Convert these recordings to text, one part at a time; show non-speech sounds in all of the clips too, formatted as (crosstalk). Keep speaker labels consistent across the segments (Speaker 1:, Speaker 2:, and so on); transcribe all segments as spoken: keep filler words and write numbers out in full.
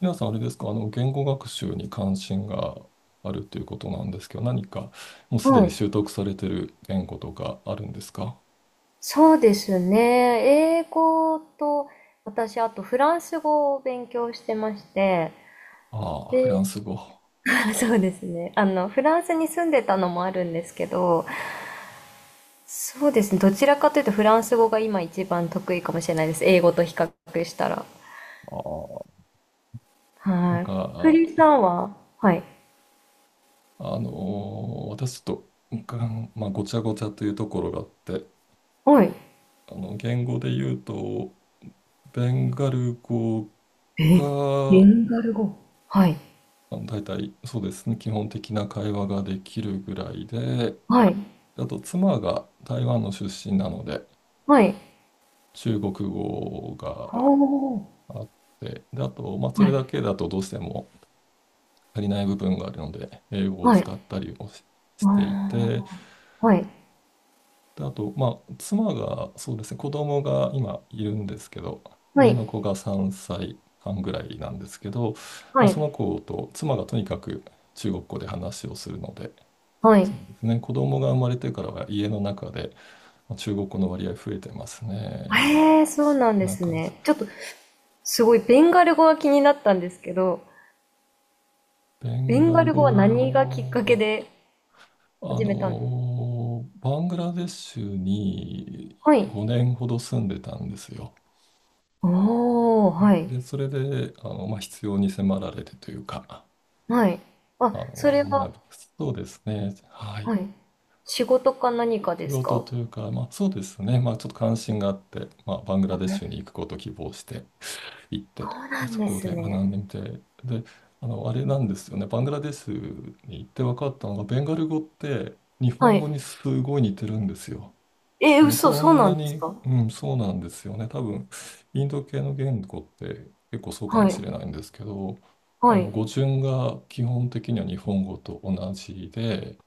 Speaker 1: 皆さん、あれですか？あの、言語学習に関心があるということなんですけど、何かもうすで
Speaker 2: は
Speaker 1: に
Speaker 2: い。
Speaker 1: 習得されてる言語とかあるんですか？
Speaker 2: そうですね。英語と、私、あとフランス語を勉強してまして、
Speaker 1: ああ、フラ
Speaker 2: で、
Speaker 1: ンス語。あ
Speaker 2: (laughs) そうですね。あの、フランスに住んでたのもあるんですけど、そうですね。どちらかというとフランス語が今一番得意かもしれないです。英語と比較したら。
Speaker 1: あ、なん
Speaker 2: はい。ク
Speaker 1: か、
Speaker 2: リさ
Speaker 1: あ、
Speaker 2: んは、はい。
Speaker 1: あのー私ちょっと、うん、まあ、ごちゃごちゃというところがあって、
Speaker 2: はい。
Speaker 1: あの、言語で言うと、ベンガル語
Speaker 2: え、ベ
Speaker 1: が、
Speaker 2: ンガル語。はい。
Speaker 1: あの大体そうですね、基本的な会話ができるぐらいで、
Speaker 2: はい。
Speaker 1: あと妻が台湾の出身なので、
Speaker 2: はい。
Speaker 1: 中国語
Speaker 2: お
Speaker 1: が
Speaker 2: お、
Speaker 1: あって、で、あと、まあ、そ
Speaker 2: は
Speaker 1: れ
Speaker 2: い。
Speaker 1: だけだとどうしても足りない部分があるので、英語を
Speaker 2: はい。
Speaker 1: 使ったりをし、してい
Speaker 2: あ
Speaker 1: て、
Speaker 2: ー、はい。
Speaker 1: で、あと、まあ、妻が、そうですね、子供が今いるんですけど、
Speaker 2: は
Speaker 1: 上
Speaker 2: い。
Speaker 1: の子がさんさいはんぐらいなんですけど、
Speaker 2: は
Speaker 1: まあ、そ
Speaker 2: い。
Speaker 1: の子と妻がとにかく中国語で話をするので、
Speaker 2: はい。
Speaker 1: そうですね、子供が生まれてからは家の中でまあ中国語の割合増えてますね。
Speaker 2: ええ、そう
Speaker 1: そ
Speaker 2: なん
Speaker 1: ん
Speaker 2: で
Speaker 1: な
Speaker 2: す
Speaker 1: 感じ。
Speaker 2: ね。ちょっと、すごいベンガル語が気になったんですけど、
Speaker 1: ベ
Speaker 2: ベ
Speaker 1: ン
Speaker 2: ン
Speaker 1: ガ
Speaker 2: ガ
Speaker 1: ル
Speaker 2: ル語は何がきっかけ
Speaker 1: 語、
Speaker 2: で
Speaker 1: あ
Speaker 2: 始めたんですか？
Speaker 1: の、バングラデシュに
Speaker 2: はい。
Speaker 1: ごねんほど住んでたんですよ。
Speaker 2: おー、はい。
Speaker 1: で、それで、あの、まあ、必要に迫られてというか、
Speaker 2: はい。あ、
Speaker 1: あ
Speaker 2: そ
Speaker 1: の、
Speaker 2: れは、
Speaker 1: 学ぶ。そうですね。は
Speaker 2: は
Speaker 1: い。
Speaker 2: い。仕事か何か
Speaker 1: 仕
Speaker 2: です
Speaker 1: 事
Speaker 2: か？
Speaker 1: というか、まあ、そうですね。まあ、ちょっと関心があって、まあ、バングラデシュに行くことを希望して、行っ
Speaker 2: そ
Speaker 1: て、
Speaker 2: うなん
Speaker 1: そ
Speaker 2: で
Speaker 1: こ
Speaker 2: す
Speaker 1: で学
Speaker 2: ね。
Speaker 1: んでみて、で、あの、あれなんですよね、バングラデシュに行って分かったのが、ベンガル語って日
Speaker 2: は
Speaker 1: 本
Speaker 2: い。
Speaker 1: 語にすごい似てるんですよ。
Speaker 2: え
Speaker 1: あ
Speaker 2: ー、
Speaker 1: の、
Speaker 2: 嘘、
Speaker 1: こ
Speaker 2: そう
Speaker 1: ん
Speaker 2: な
Speaker 1: な
Speaker 2: んです
Speaker 1: に、
Speaker 2: か？
Speaker 1: うん、そうなんですよね。多分、インド系の言語って結構そうかも
Speaker 2: は
Speaker 1: しれ
Speaker 2: い。
Speaker 1: ないんですけど、
Speaker 2: は
Speaker 1: あ
Speaker 2: い。
Speaker 1: の、語順が基本的には日本語と同じで、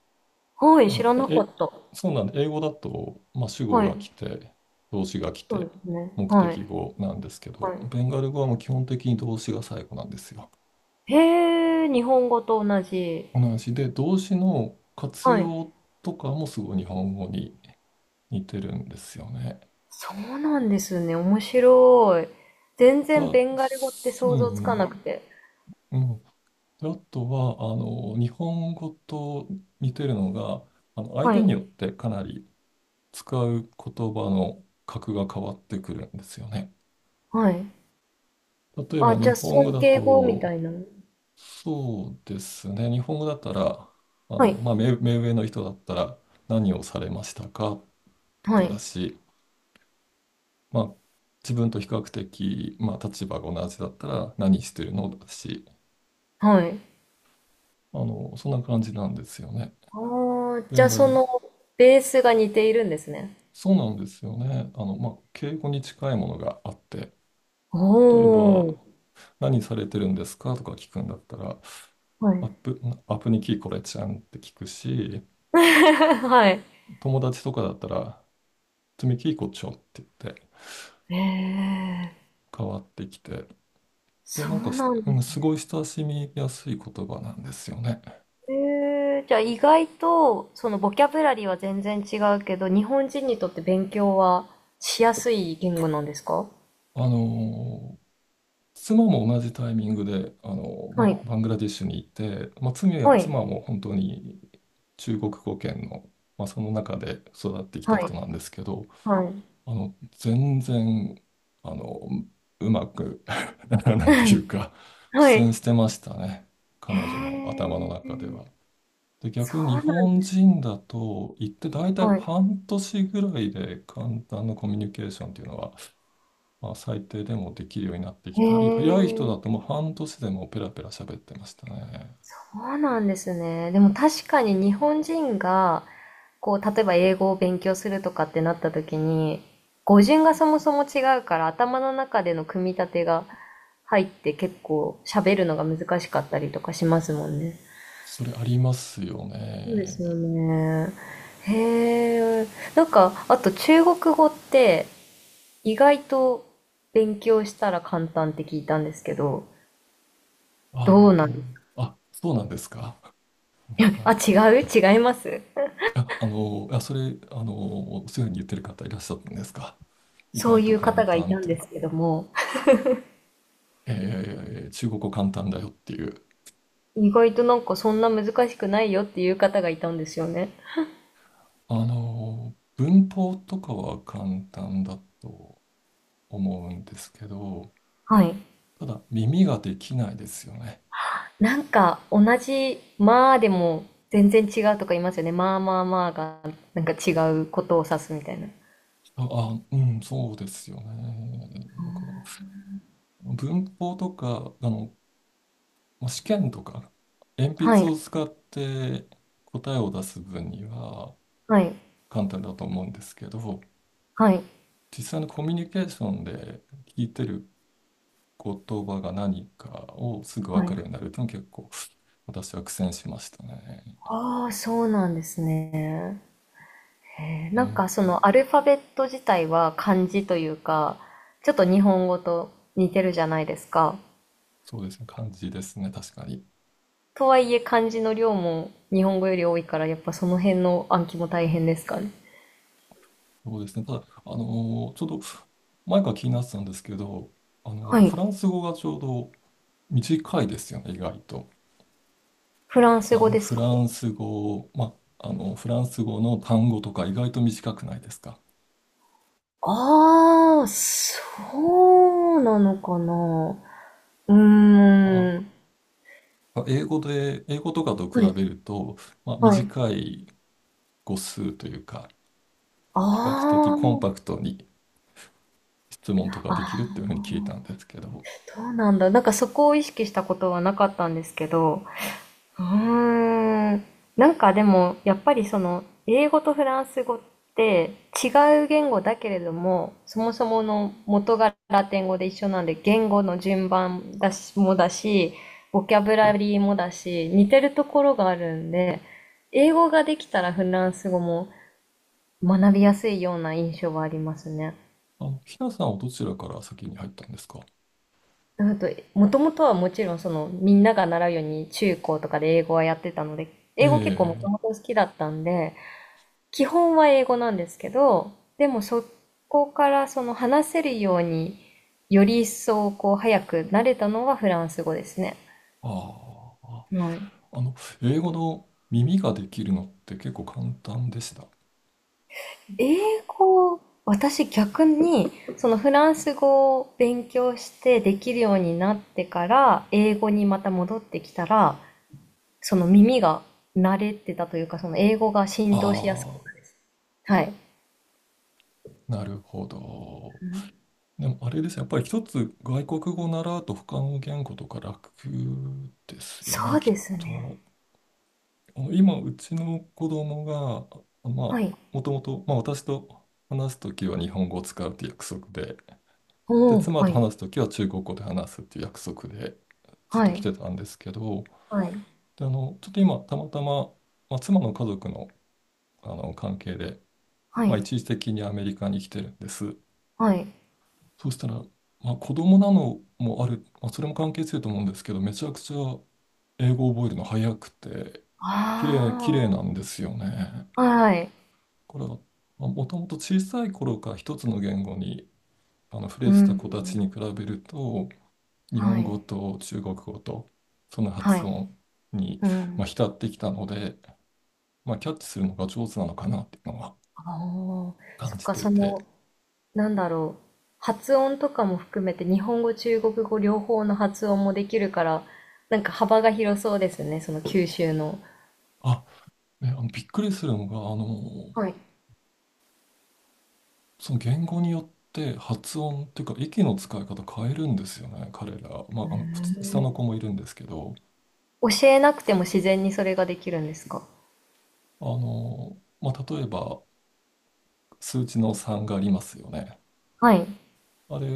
Speaker 2: はい、
Speaker 1: あ
Speaker 2: 知
Speaker 1: の、
Speaker 2: らなか
Speaker 1: え、
Speaker 2: った。
Speaker 1: そうなんで、英語だと、まあ、主語
Speaker 2: はい。
Speaker 1: が来て、動詞が来
Speaker 2: そうで
Speaker 1: て、
Speaker 2: すね。
Speaker 1: 目
Speaker 2: はい。
Speaker 1: 的語なんですけ
Speaker 2: は
Speaker 1: ど、
Speaker 2: い。
Speaker 1: ベンガル語はもう基本的に動詞が最後なんですよ。
Speaker 2: へえ、日本語と同じ。
Speaker 1: 同じで、動詞の活
Speaker 2: はい。
Speaker 1: 用とかもすごい日本語に似てるんですよね。
Speaker 2: そうなんですね。面白い。全
Speaker 1: だ、
Speaker 2: 然
Speaker 1: あ
Speaker 2: ベンガル語って
Speaker 1: すう
Speaker 2: 想像つか
Speaker 1: ん
Speaker 2: なくて。
Speaker 1: うん、うん。で、あとは、あの、日本語と似てるのが、あの、相
Speaker 2: は
Speaker 1: 手
Speaker 2: い。
Speaker 1: によってかなり使う言葉の格が変わってくるんですよね。
Speaker 2: はい。
Speaker 1: 例え
Speaker 2: あ、
Speaker 1: ば日
Speaker 2: じゃあ
Speaker 1: 本語
Speaker 2: 尊
Speaker 1: だ
Speaker 2: 敬語みたい
Speaker 1: と、
Speaker 2: な。
Speaker 1: そうですね、日本語だったら、あ
Speaker 2: はい。
Speaker 1: の、まあ、目、目上の人だったら、何をされましたかと
Speaker 2: は
Speaker 1: かだ
Speaker 2: い。
Speaker 1: し、まあ、自分と比較的、まあ、立場が同じだったら、何してるのだし、
Speaker 2: はい。
Speaker 1: あの、そんな感じなんですよね。
Speaker 2: ああ、
Speaker 1: ベ
Speaker 2: じゃ
Speaker 1: ン
Speaker 2: あ
Speaker 1: ガ
Speaker 2: そ
Speaker 1: ル、
Speaker 2: のベースが似ているんですね。
Speaker 1: そうなんですよね。あの、まあ、敬語に近いものがあって、例え
Speaker 2: おー。
Speaker 1: ば、何されてるんですかとか聞くんだったら、
Speaker 2: は
Speaker 1: アッ
Speaker 2: い。
Speaker 1: プ、アップにキーコちゃんって聞くし、
Speaker 2: (laughs) はい。
Speaker 1: 友達とかだったら、積み木こちょって言って
Speaker 2: ええ、
Speaker 1: 変わってきて、で、
Speaker 2: そ
Speaker 1: なんか
Speaker 2: う
Speaker 1: す、
Speaker 2: なんです
Speaker 1: すご
Speaker 2: ね。
Speaker 1: い親しみやすい言葉なんですよね。
Speaker 2: ええ、じゃあ意外と、そのボキャブラリーは全然違うけど、日本人にとって勉強はしやすい言語なんですか？
Speaker 1: あのー妻も同じタイミングで、あのま
Speaker 2: は
Speaker 1: あ、
Speaker 2: い。
Speaker 1: バングラディッシュに行って、まあ、妻や
Speaker 2: はい。
Speaker 1: 妻も本当に中国語圏の、まあ、その中で育ってきた
Speaker 2: はい。
Speaker 1: 人なんですけど、
Speaker 2: はい。
Speaker 1: あの、全然、あの、うまく (laughs) ならないと
Speaker 2: は
Speaker 1: い
Speaker 2: い。
Speaker 1: うか、苦戦してましたね。
Speaker 2: (laughs)
Speaker 1: 彼女
Speaker 2: はい。
Speaker 1: の
Speaker 2: え
Speaker 1: 頭の中で
Speaker 2: ー、
Speaker 1: は。で、
Speaker 2: そ
Speaker 1: 逆に日
Speaker 2: うなん
Speaker 1: 本
Speaker 2: です。
Speaker 1: 人だと、行って大体
Speaker 2: はい。
Speaker 1: 半年ぐらいで簡単なコミュニケーションっていうのは、まあ、最低でもできるようになってき
Speaker 2: え
Speaker 1: たり、早い人だ
Speaker 2: ー、
Speaker 1: ともう半年でもうペラペラ喋ってましたね。
Speaker 2: そうなんですね。でも確かに日本人が、こう、例えば英語を勉強するとかってなった時に、語順がそもそも違うから、頭の中での組み立てが入って結構喋るのが難しかったりとかしますもんね。
Speaker 1: それありますよ
Speaker 2: そうですよ
Speaker 1: ね。
Speaker 2: ね。へえ。なんか、あと中国語って、意外と勉強したら簡単って聞いたんですけど、
Speaker 1: あ
Speaker 2: どうなんで
Speaker 1: の、
Speaker 2: す？
Speaker 1: あ、そうなんですか。なん
Speaker 2: (laughs) あ、
Speaker 1: か、
Speaker 2: 違う違います。
Speaker 1: あ、あの、あ、それ、あの、そういうふうに言ってる方いらっしゃったんですか？意
Speaker 2: そう
Speaker 1: 外
Speaker 2: い
Speaker 1: と
Speaker 2: う
Speaker 1: 簡
Speaker 2: 方がい
Speaker 1: 単
Speaker 2: た
Speaker 1: っ
Speaker 2: ん
Speaker 1: て。
Speaker 2: ですけども、
Speaker 1: えー中国語簡単だよっていう。
Speaker 2: 意外となんかそんな難しくないよっていう方がいたんですよね。
Speaker 1: あの、文法とかは簡単だと思うんですけど、
Speaker 2: はい。
Speaker 1: ただ耳ができないですよね。
Speaker 2: なんか同じまあでも全然違うとか言いますよね。まあまあまあがなんか違うことを指すみたいな。
Speaker 1: あ、あ、うん、そうですよね。だから、文法とか、あの、まあ試験とか、鉛
Speaker 2: は
Speaker 1: 筆
Speaker 2: い。
Speaker 1: を使って答えを出す分には
Speaker 2: はい。
Speaker 1: 簡単だと思うんですけど、
Speaker 2: はい。
Speaker 1: 実際のコミュニケーションで聞いてる言葉が何かをすぐ
Speaker 2: は
Speaker 1: 分か
Speaker 2: い。
Speaker 1: るようになるというのは結構私は苦戦しましたね。
Speaker 2: ああ、そうなんですね。えー、
Speaker 1: う
Speaker 2: なん
Speaker 1: ん、
Speaker 2: かそのアルファベット自体は漢字というか、ちょっと日本語と似てるじゃないですか。
Speaker 1: そうですね、感じですね、確かに。
Speaker 2: とはいえ漢字の量も日本語より多いから、やっぱその辺の暗記も大変ですかね。
Speaker 1: そうですね、ただ、あのーちょっと前から気になってたんですけど、あの、
Speaker 2: はい。
Speaker 1: フランス語がちょうど短いですよね、意外と。
Speaker 2: フランス
Speaker 1: あ
Speaker 2: 語
Speaker 1: の、
Speaker 2: で
Speaker 1: フ
Speaker 2: すか？
Speaker 1: ランス語、ま、あの、フランス語の単語とか意外と短くないですか？
Speaker 2: ああ、そうなのかな。う
Speaker 1: あ、
Speaker 2: ーん。
Speaker 1: ま英語で、英語とかと
Speaker 2: は
Speaker 1: 比
Speaker 2: い。
Speaker 1: べると、まあ、
Speaker 2: はい。
Speaker 1: 短い語数というか、
Speaker 2: あ
Speaker 1: 比較的コンパクトに質問とか
Speaker 2: あ、
Speaker 1: できるって
Speaker 2: あ、
Speaker 1: いうふうに聞いたんですけど、
Speaker 2: そうなんだ。なんかそこを意識したことはなかったんですけど、うーん。なんかでも、やっぱりその、英語とフランス語って違う言語だけれども、そもそもの元がラテン語で一緒なんで、言語の順番だし、もだし、ボキャブラリーもだし、似てるところがあるんで、英語ができたらフランス語も学びやすいような印象はありますね。
Speaker 1: あの、ひなさんはどちらから先に入ったんですか？
Speaker 2: あと、もともとはもちろんその、みんなが習うように中高とかで英語はやってたので、英語結構もと
Speaker 1: ええ、
Speaker 2: もと好きだったんで、基本は英語なんですけど、でもそこからその話せるようにより一層こう早く慣れたのはフランス語ですね。
Speaker 1: ああ、
Speaker 2: はい。
Speaker 1: あの、英語の耳ができるのって結構簡単でした？
Speaker 2: 英語、私逆にそのフランス語を勉強してできるようになってから英語にまた戻ってきたら、その耳が慣れてたというか、その英語が浸透しやすく
Speaker 1: あ
Speaker 2: なるです。はい。
Speaker 1: あ、なるほど。でもあれですね、やっぱり一つ外国語を習うと他の言語とか楽ですよ
Speaker 2: そ
Speaker 1: ね、
Speaker 2: う
Speaker 1: きっ
Speaker 2: ですね。
Speaker 1: と。あの今、うちの子供が、あまあ、
Speaker 2: はい。
Speaker 1: もともと、まあ、私と話すときは日本語を使うって約束で、で、
Speaker 2: おー、
Speaker 1: 妻
Speaker 2: は
Speaker 1: と
Speaker 2: い。
Speaker 1: 話すときは中国語で話すっていう約束でずっ
Speaker 2: は
Speaker 1: と来
Speaker 2: い。
Speaker 1: てたんですけど、
Speaker 2: はい。
Speaker 1: で、あの、ちょっと今、たまたま、まあ、妻の家族の、あの関係で、
Speaker 2: は
Speaker 1: まあ、
Speaker 2: い。
Speaker 1: 一時的にアメリカに来てるんです。
Speaker 2: はい。
Speaker 1: そうしたら、まあ、子供なのもある、まあ、それも関係すると思うんですけど、めちゃくちゃ英語を覚えるの早くて、綺麗、
Speaker 2: あ
Speaker 1: 綺麗なんですよね。
Speaker 2: あ、はい。
Speaker 1: これは、まあ、もともと小さい頃から一つの言語にあの触れ
Speaker 2: う
Speaker 1: てた
Speaker 2: ん。
Speaker 1: 子たちに比べると、日
Speaker 2: は
Speaker 1: 本語
Speaker 2: い。
Speaker 1: と中国語と、その
Speaker 2: は
Speaker 1: 発
Speaker 2: い。
Speaker 1: 音に、
Speaker 2: う
Speaker 1: ま
Speaker 2: ん。
Speaker 1: あ、浸ってきたので、まあ、キャッチするのが上手なのかなっていうのは
Speaker 2: ああ、そ
Speaker 1: 感
Speaker 2: っ
Speaker 1: じ
Speaker 2: か、
Speaker 1: て
Speaker 2: そ
Speaker 1: いて、
Speaker 2: の、なんだろう。発音とかも含めて、日本語、中国語両方の発音もできるから、なんか幅が広そうですね、その九州の。
Speaker 1: あ、ね、あのびっくりするのが、あの、
Speaker 2: はい。
Speaker 1: その言語によって発音っていうか、息の使い方変えるんですよね、彼ら。まあ、あの、普通下の子もいるんですけど、
Speaker 2: 教えなくても自然にそれができるんですか？
Speaker 1: あの、まあ、例えば、数値のさんがありますよね。
Speaker 2: はい。
Speaker 1: あれ、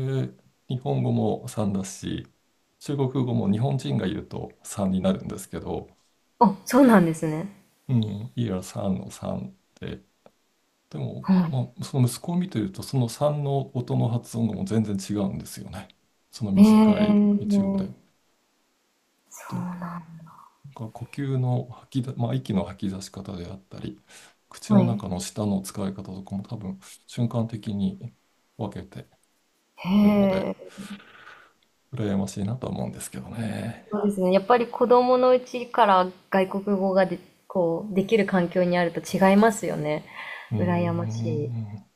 Speaker 1: 日本語もさんだし、中国語も日本人が言うとさんになるんですけど、
Speaker 2: あ、そうなんですね。
Speaker 1: うん、いや、さんのさんで、で
Speaker 2: は
Speaker 1: も、
Speaker 2: い。
Speaker 1: まあ、その息子を見てると、そのさんの音の発音がもう全然違うんですよね。その
Speaker 2: え
Speaker 1: 短い一音で。
Speaker 2: え、
Speaker 1: とい
Speaker 2: そう
Speaker 1: う
Speaker 2: なん。
Speaker 1: か、呼吸の吐きだ、まあ、息の吐き出し方であったり、口
Speaker 2: は
Speaker 1: の
Speaker 2: い。
Speaker 1: 中の舌の使い方とかも多分瞬間的に分けてるので、
Speaker 2: へえ。
Speaker 1: 羨ましいなとは思うんですけどね。
Speaker 2: そうですね。やっぱり子供のうちから外国語がで、こう、できる環境にあると違いますよね。
Speaker 1: うー
Speaker 2: 羨ましい。
Speaker 1: ん。